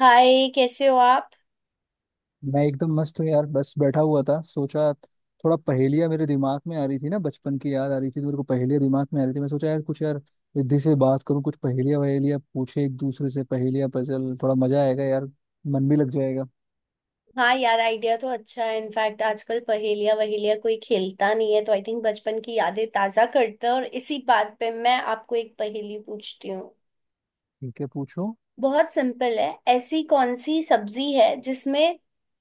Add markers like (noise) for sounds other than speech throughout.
हाय, कैसे हो आप। मैं एकदम मस्त हूँ यार। बस बैठा हुआ था, सोचा थोड़ा पहेलियाँ मेरे दिमाग में आ रही थी ना, बचपन की याद आ रही थी, तो मेरे को पहेलियाँ दिमाग में आ रही थी। मैं सोचा यार कुछ यार रिद्धि से बात करूँ, कुछ पहेलियाँ वहेलियाँ पूछे एक दूसरे से, पहेलियाँ, पजल, थोड़ा मजा आएगा यार, मन भी लग जाएगा। हाँ यार, आइडिया तो अच्छा है। इनफैक्ट आजकल पहेलिया वहेलिया कोई खेलता नहीं है, तो आई थिंक बचपन की यादें ताजा करते हैं। और इसी बात पे मैं आपको एक पहेली पूछती हूँ। ठीक है, पूछो। बहुत सिंपल है। ऐसी कौन सी सब्जी है जिसमें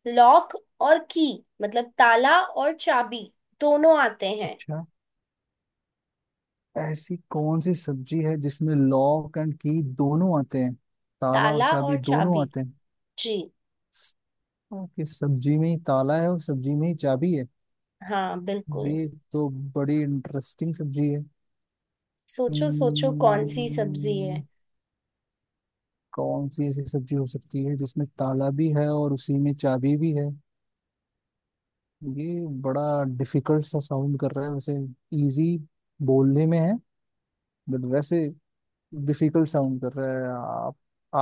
लॉक और की, मतलब ताला और चाबी, दोनों आते हैं। अच्छा, ऐसी कौन सी सब्जी है जिसमें लॉक एंड की दोनों आते हैं, ताला और ताला चाबी और दोनों चाबी। आते हैं? जी। ओके, सब्जी में ही ताला है और सब्जी में ही चाबी है? हाँ, बिल्कुल। ये तो बड़ी इंटरेस्टिंग सब्जी है। सोचो सोचो कौन सी सब्जी हम्म, है। कौन सी ऐसी सब्जी हो सकती है जिसमें ताला भी है और उसी में चाबी भी है? ये बड़ा डिफिकल्ट सा साउंड कर रहा है वैसे। इजी बोलने में है, बट वैसे डिफिकल्ट साउंड कर रहा है। आप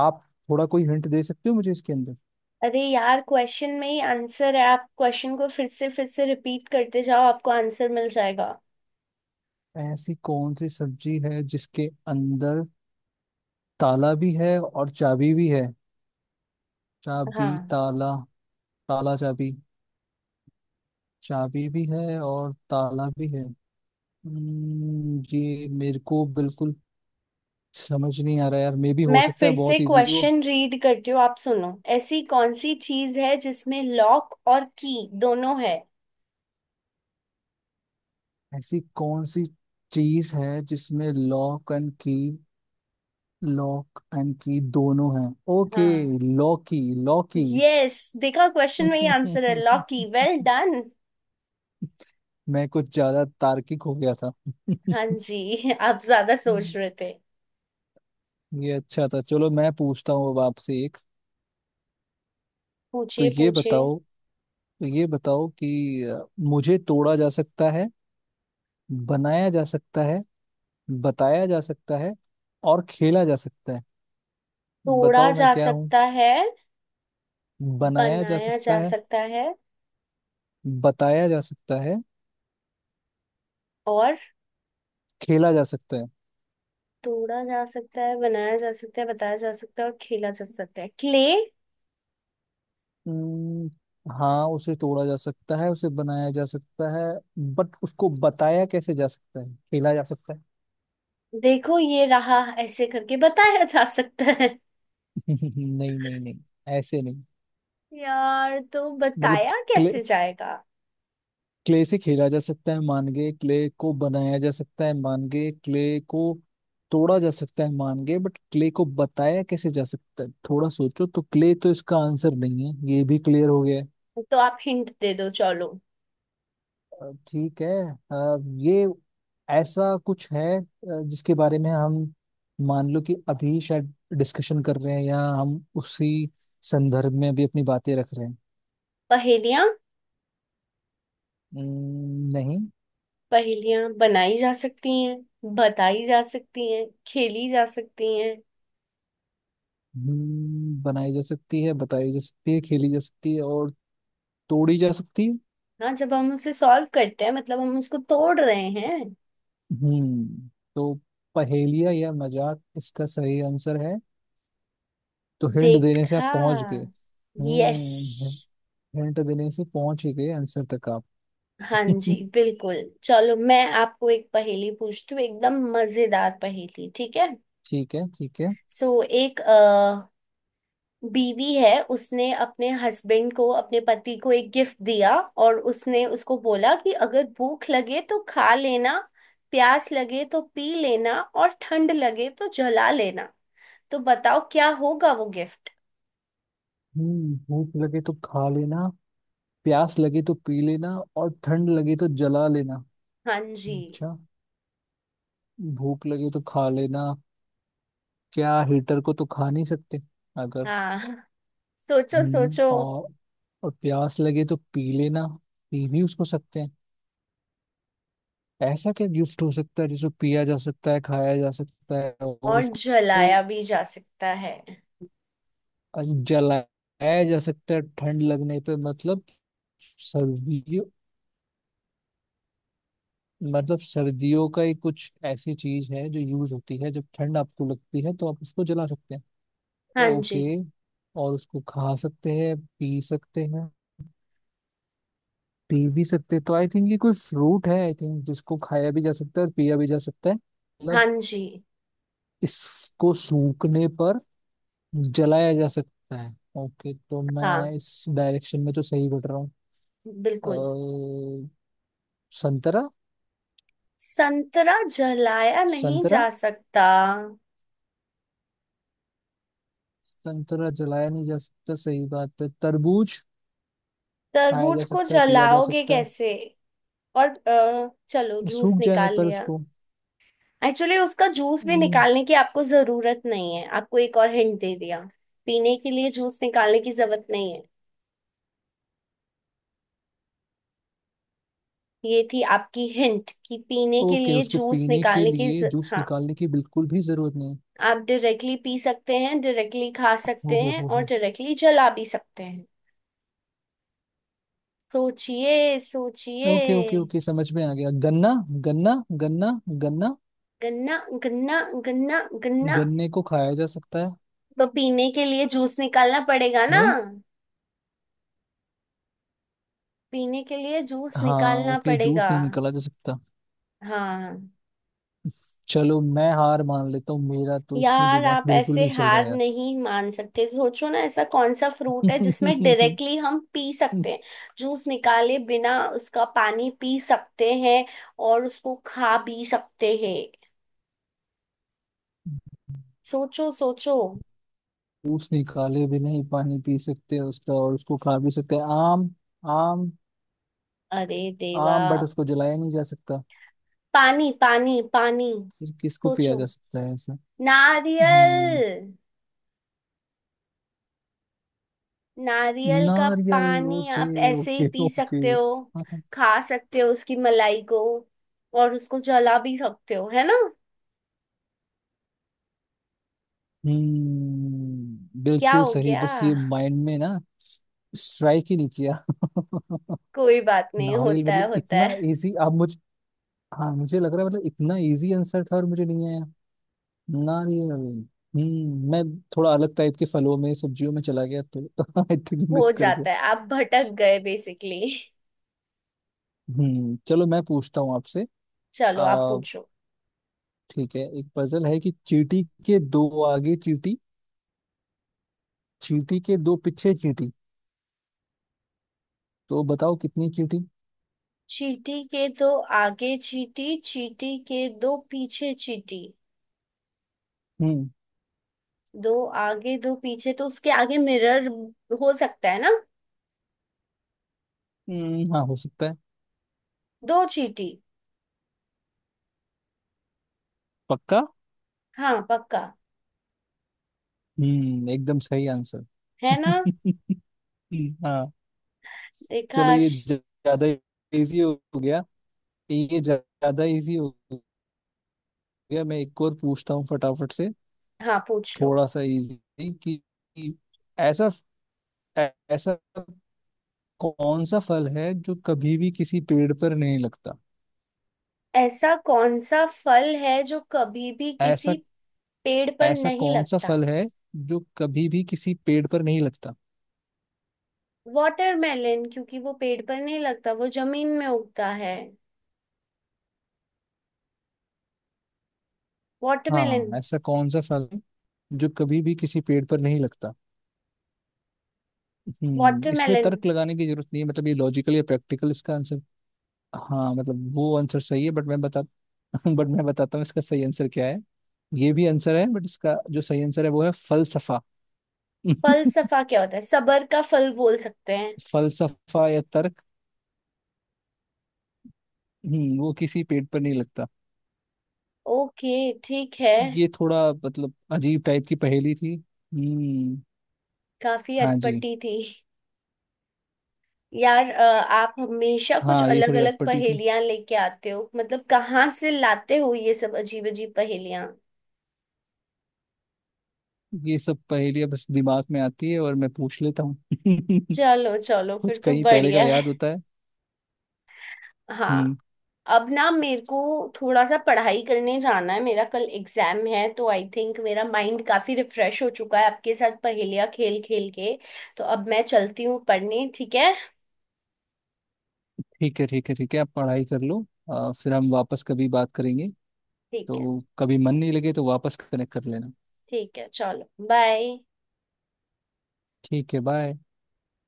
आप थोड़ा कोई हिंट दे सकते हो मुझे इसके अंदर? अरे यार, क्वेश्चन में ही आंसर है। आप क्वेश्चन को फिर से रिपीट करते जाओ, आपको आंसर मिल जाएगा। ऐसी कौन सी सब्जी है जिसके अंदर ताला भी है और चाबी भी है? चाबी हाँ। ताला, ताला चाबी, चाबी भी है और ताला भी है। ये मेरे को बिल्कुल समझ नहीं आ रहा यार। मे भी हो मैं सकता फिर है से बहुत इजी हो। क्वेश्चन रीड करती हूँ, आप सुनो। ऐसी कौन सी चीज है जिसमें लॉक और की दोनों है। ऐसी कौन सी चीज है जिसमें लॉक एंड की दोनों हैं? ओके, हाँ। लॉकी, लॉकी। यस, देखा, क्वेश्चन में ही आंसर है, लॉक की। Well (laughs) done. मैं कुछ ज्यादा तार्किक हो गया था। हाँ (laughs) जी, (laughs) आप ज्यादा सोच रहे थे। ये अच्छा था। चलो मैं पूछता हूँ अब आपसे एक। तो पूछिए ये पूछिए। बताओ, मुझे तोड़ा जा सकता है, बनाया जा सकता है, बताया जा सकता है और खेला जा सकता है। तोड़ा बताओ मैं जा क्या हूँ? सकता है, बनाया जा बनाया सकता जा है, सकता है, बताया जा सकता है, और खेला जा सकता है। तोड़ा जा सकता है, बनाया जा सकता है, बताया जा सकता है, और खेला जा सकता है। क्ले। हम्म, हाँ, उसे तोड़ा जा सकता है, उसे बनाया जा सकता है, बट उसको बताया कैसे जा सकता है, खेला जा सकता है? देखो, ये रहा, ऐसे करके बताया जा सकता है। (laughs) नहीं नहीं नहीं, ऐसे नहीं। यार, तो मतलब बताया कैसे जाएगा। क्ले से खेला जा सकता है, मान गए, क्ले को बनाया जा सकता है, मान गए, क्ले को तोड़ा जा सकता है, मान गए, बट क्ले को बताया कैसे जा सकता है? थोड़ा सोचो, तो क्ले तो इसका आंसर नहीं है ये भी क्लियर हो गया है। तो आप हिंट दे दो, चलो। ठीक है। अ, ये ऐसा कुछ है, जिसके बारे में हम मान लो कि अभी शायद डिस्कशन कर रहे हैं, या हम उसी संदर्भ में अभी अपनी बातें रख रहे हैं। पहेलियां। नहीं। पहेलियां बनाई जा सकती हैं, बताई जा सकती हैं, खेली जा सकती हैं। बनाई जा सकती है, बताई जा सकती है, खेली जा सकती है और तोड़ी जा सकती है। हाँ, जब हम उसे सॉल्व करते हैं, मतलब हम उसको तोड़ रहे हैं। हम्म। तो पहेलिया या मजाक इसका सही आंसर है। तो हिंट देने से आप देखा। पहुंच गए। यस। हम्म, हिंट देने से पहुंच ही गए आंसर तक आप। हाँ जी, (laughs) बिल्कुल। चलो, मैं आपको एक पहेली पूछती हूँ, एकदम मजेदार पहेली, ठीक है। ठीक है, ठीक है। सो, एक बीवी है, उसने अपने हस्बैंड को, अपने पति को, एक गिफ्ट दिया। और उसने उसको बोला कि अगर भूख लगे तो खा लेना, प्यास लगे तो पी लेना, और ठंड लगे तो जला लेना। तो बताओ क्या होगा वो गिफ्ट। हम्म, भूख लगे तो खा लेना, प्यास लगे तो पी लेना और ठंड लगे तो जला लेना। हाँ जी। अच्छा, भूख लगे तो खा लेना, क्या हीटर को तो खा नहीं सकते अगर। हाँ, सोचो हम्म, सोचो। और प्यास लगे तो पी लेना, पी भी उसको सकते हैं। ऐसा क्या गिफ्ट हो सकता है जिसको पिया जा सकता है, खाया जा सकता है और और उसको जलाया भी जा सकता है। जलाया जा सकता है? ठंड लगने पे मतलब सर्दियों, मतलब सर्दियों का ही कुछ ऐसी चीज है जो यूज होती है, जब ठंड आपको लगती है तो आप उसको जला सकते हैं। हाँ ओके, जी। और उसको खा सकते हैं, पी सकते हैं, पी भी सकते हैं। तो आई थिंक ये कोई फ्रूट है आई थिंक, जिसको खाया भी जा सकता है और पिया भी जा सकता है, हाँ मतलब जी। इसको सूखने पर जलाया जा सकता है। ओके, तो मैं हाँ, इस डायरेक्शन में तो सही बढ़ रहा हूँ। बिल्कुल। अ, संतरा। संतरा जलाया नहीं संतरा जा सकता। संतरा जलाया नहीं जा सकता, सही बात है। तरबूज खाया तरबूज जा को सकता है, पिया जा जलाओगे सकता है, कैसे। और चलो, जूस सूख जाने निकाल पर लिया। उसको। एक्चुअली उसका जूस भी हम्म, निकालने की आपको जरूरत नहीं है, आपको एक और हिंट दे दिया। पीने के लिए जूस निकालने की जरूरत नहीं है। ये थी आपकी हिंट कि पीने के ओके, लिए उसको जूस पीने के निकालने की लिए जूस हाँ। निकालने की बिल्कुल भी जरूरत नहीं। आप डायरेक्टली पी सकते हैं, डायरेक्टली खा हो सकते हैं, हो और हो डायरेक्टली जला भी सकते हैं। सोचिए सोचिए। ओके ओके ओके, समझ में आ गया। गन्ना गन्ना गन्ना। गन्ना, गन्ना, गन्ना, गन्ना। गन्ने को खाया जा सकता है। तो पीने के लिए जूस निकालना पड़ेगा ना। नहीं। पीने के लिए जूस हाँ निकालना ओके, जूस पड़ेगा। नहीं निकाला जा सकता। हाँ। चलो मैं हार मान लेता हूँ, मेरा तो इसमें यार दिमाग आप बिल्कुल ऐसे नहीं चल रहा हार यार। नहीं मान सकते, सोचो ना ऐसा कौन सा फ्रूट है जिसमें (laughs) डायरेक्टली हम पी सकते हैं। जूस निकाले बिना उसका पानी पी सकते हैं, और उसको खा भी सकते हैं। सोचो सोचो। जूस निकाले भी नहीं पानी पी सकते हैं उसका और उसको खा भी सकते हैं। आम। आम अरे देवा। आम बट उसको जलाया नहीं जा सकता। पानी, पानी, पानी। फिर किसको पिया सोचो। जा सकता है ऐसा? हम्म, नारियल। नारियल का नारियल? पानी ओके, आप ऐसे ही ओके पी ओके। सकते हो। खा सकते हो उसकी मलाई को, और उसको जला भी सकते हो, है ना। हम्म, क्या बिल्कुल हो सही, गया। बस ये माइंड में ना स्ट्राइक ही नहीं किया। (laughs) कोई बात नहीं, नारियल, होता है मतलब होता इतना है। इजी, आप मुझ हाँ, मुझे लग रहा है मतलब इतना इजी आंसर था और मुझे नहीं आया। नारियल। मैं थोड़ा अलग टाइप के फलों में, सब्जियों में चला गया तो (laughs) आई थिंक हो मिस कर गया। जाता है, आप भटक गए बेसिकली। हम्म, चलो मैं पूछता हूँ आपसे। चलो आ आप पूछो। ठीक है, एक पजल है कि चींटी के दो आगे चींटी, चींटी के दो पीछे चींटी, तो बताओ कितनी चींटी? चींटी के दो आगे चींटी, चींटी के दो पीछे चींटी। हम्म। दो आगे दो पीछे, तो उसके आगे मिरर हो सकता है ना। हाँ हो सकता है। दो चींटी। पक्का? हाँ पक्का। हम्म, एकदम सही आंसर। है ना। (laughs) हाँ। देखा। चलो, ये ज्यादा इजी हो गया, ये ज्यादा इजी हो मैं एक और पूछता हूँ फटाफट से, हाँ पूछ लो। थोड़ा सा इजी। कि ऐसा, ऐसा कौन सा फल है जो कभी भी किसी पेड़ पर नहीं लगता? ऐसा कौन सा फल है जो कभी भी ऐसा किसी पेड़ पर ऐसा नहीं कौन सा लगता। फल है जो कभी भी किसी पेड़ पर नहीं लगता? वाटरमेलन, क्योंकि वो पेड़ पर नहीं लगता, वो जमीन में उगता है। वाटरमेलन। हाँ, ऐसा कौन सा फल है जो कभी भी किसी पेड़ पर नहीं लगता? हम्म, इसमें वाटरमेलन तर्क लगाने की जरूरत नहीं है, मतलब ये लॉजिकल या प्रैक्टिकल इसका आंसर। हाँ मतलब वो आंसर सही है बट मैं बता (laughs) बट मैं बताता हूँ इसका सही आंसर क्या है। ये भी आंसर है बट इसका जो सही आंसर है वो है फलसफा। (laughs) फलसफा क्या होता है, सबर का फल बोल सकते हैं। फलसफा या तर्क। वो किसी पेड़ पर नहीं लगता। ओके। ठीक है। ये थोड़ा मतलब अजीब टाइप की पहेली थी। हम्म। काफी हाँ जी, अटपटी थी। यार आप हमेशा कुछ हाँ ये अलग थोड़ी अलग अटपटी थी। पहेलियां लेके आते हो, मतलब कहाँ से लाते हो ये सब अजीब अजीब पहेलियां। ये सब पहेलियां बस दिमाग में आती है और मैं पूछ लेता हूँ। चलो चलो, (laughs) कुछ फिर तो कहीं पहले का बढ़िया है। याद होता है। हम्म। हाँ। अब ना मेरे को थोड़ा सा पढ़ाई करने जाना है, मेरा कल एग्जाम है, तो आई थिंक मेरा माइंड काफी रिफ्रेश हो चुका है आपके साथ पहेलियां खेल खेल के। तो अब मैं चलती हूँ पढ़ने, ठीक है। ठीक है ठीक है ठीक है, आप पढ़ाई कर लो। फिर हम वापस कभी बात करेंगे। ठीक है तो कभी मन नहीं लगे तो वापस कनेक्ट कर लेना। ठीक है। चलो बाय। ठीक है, बाय।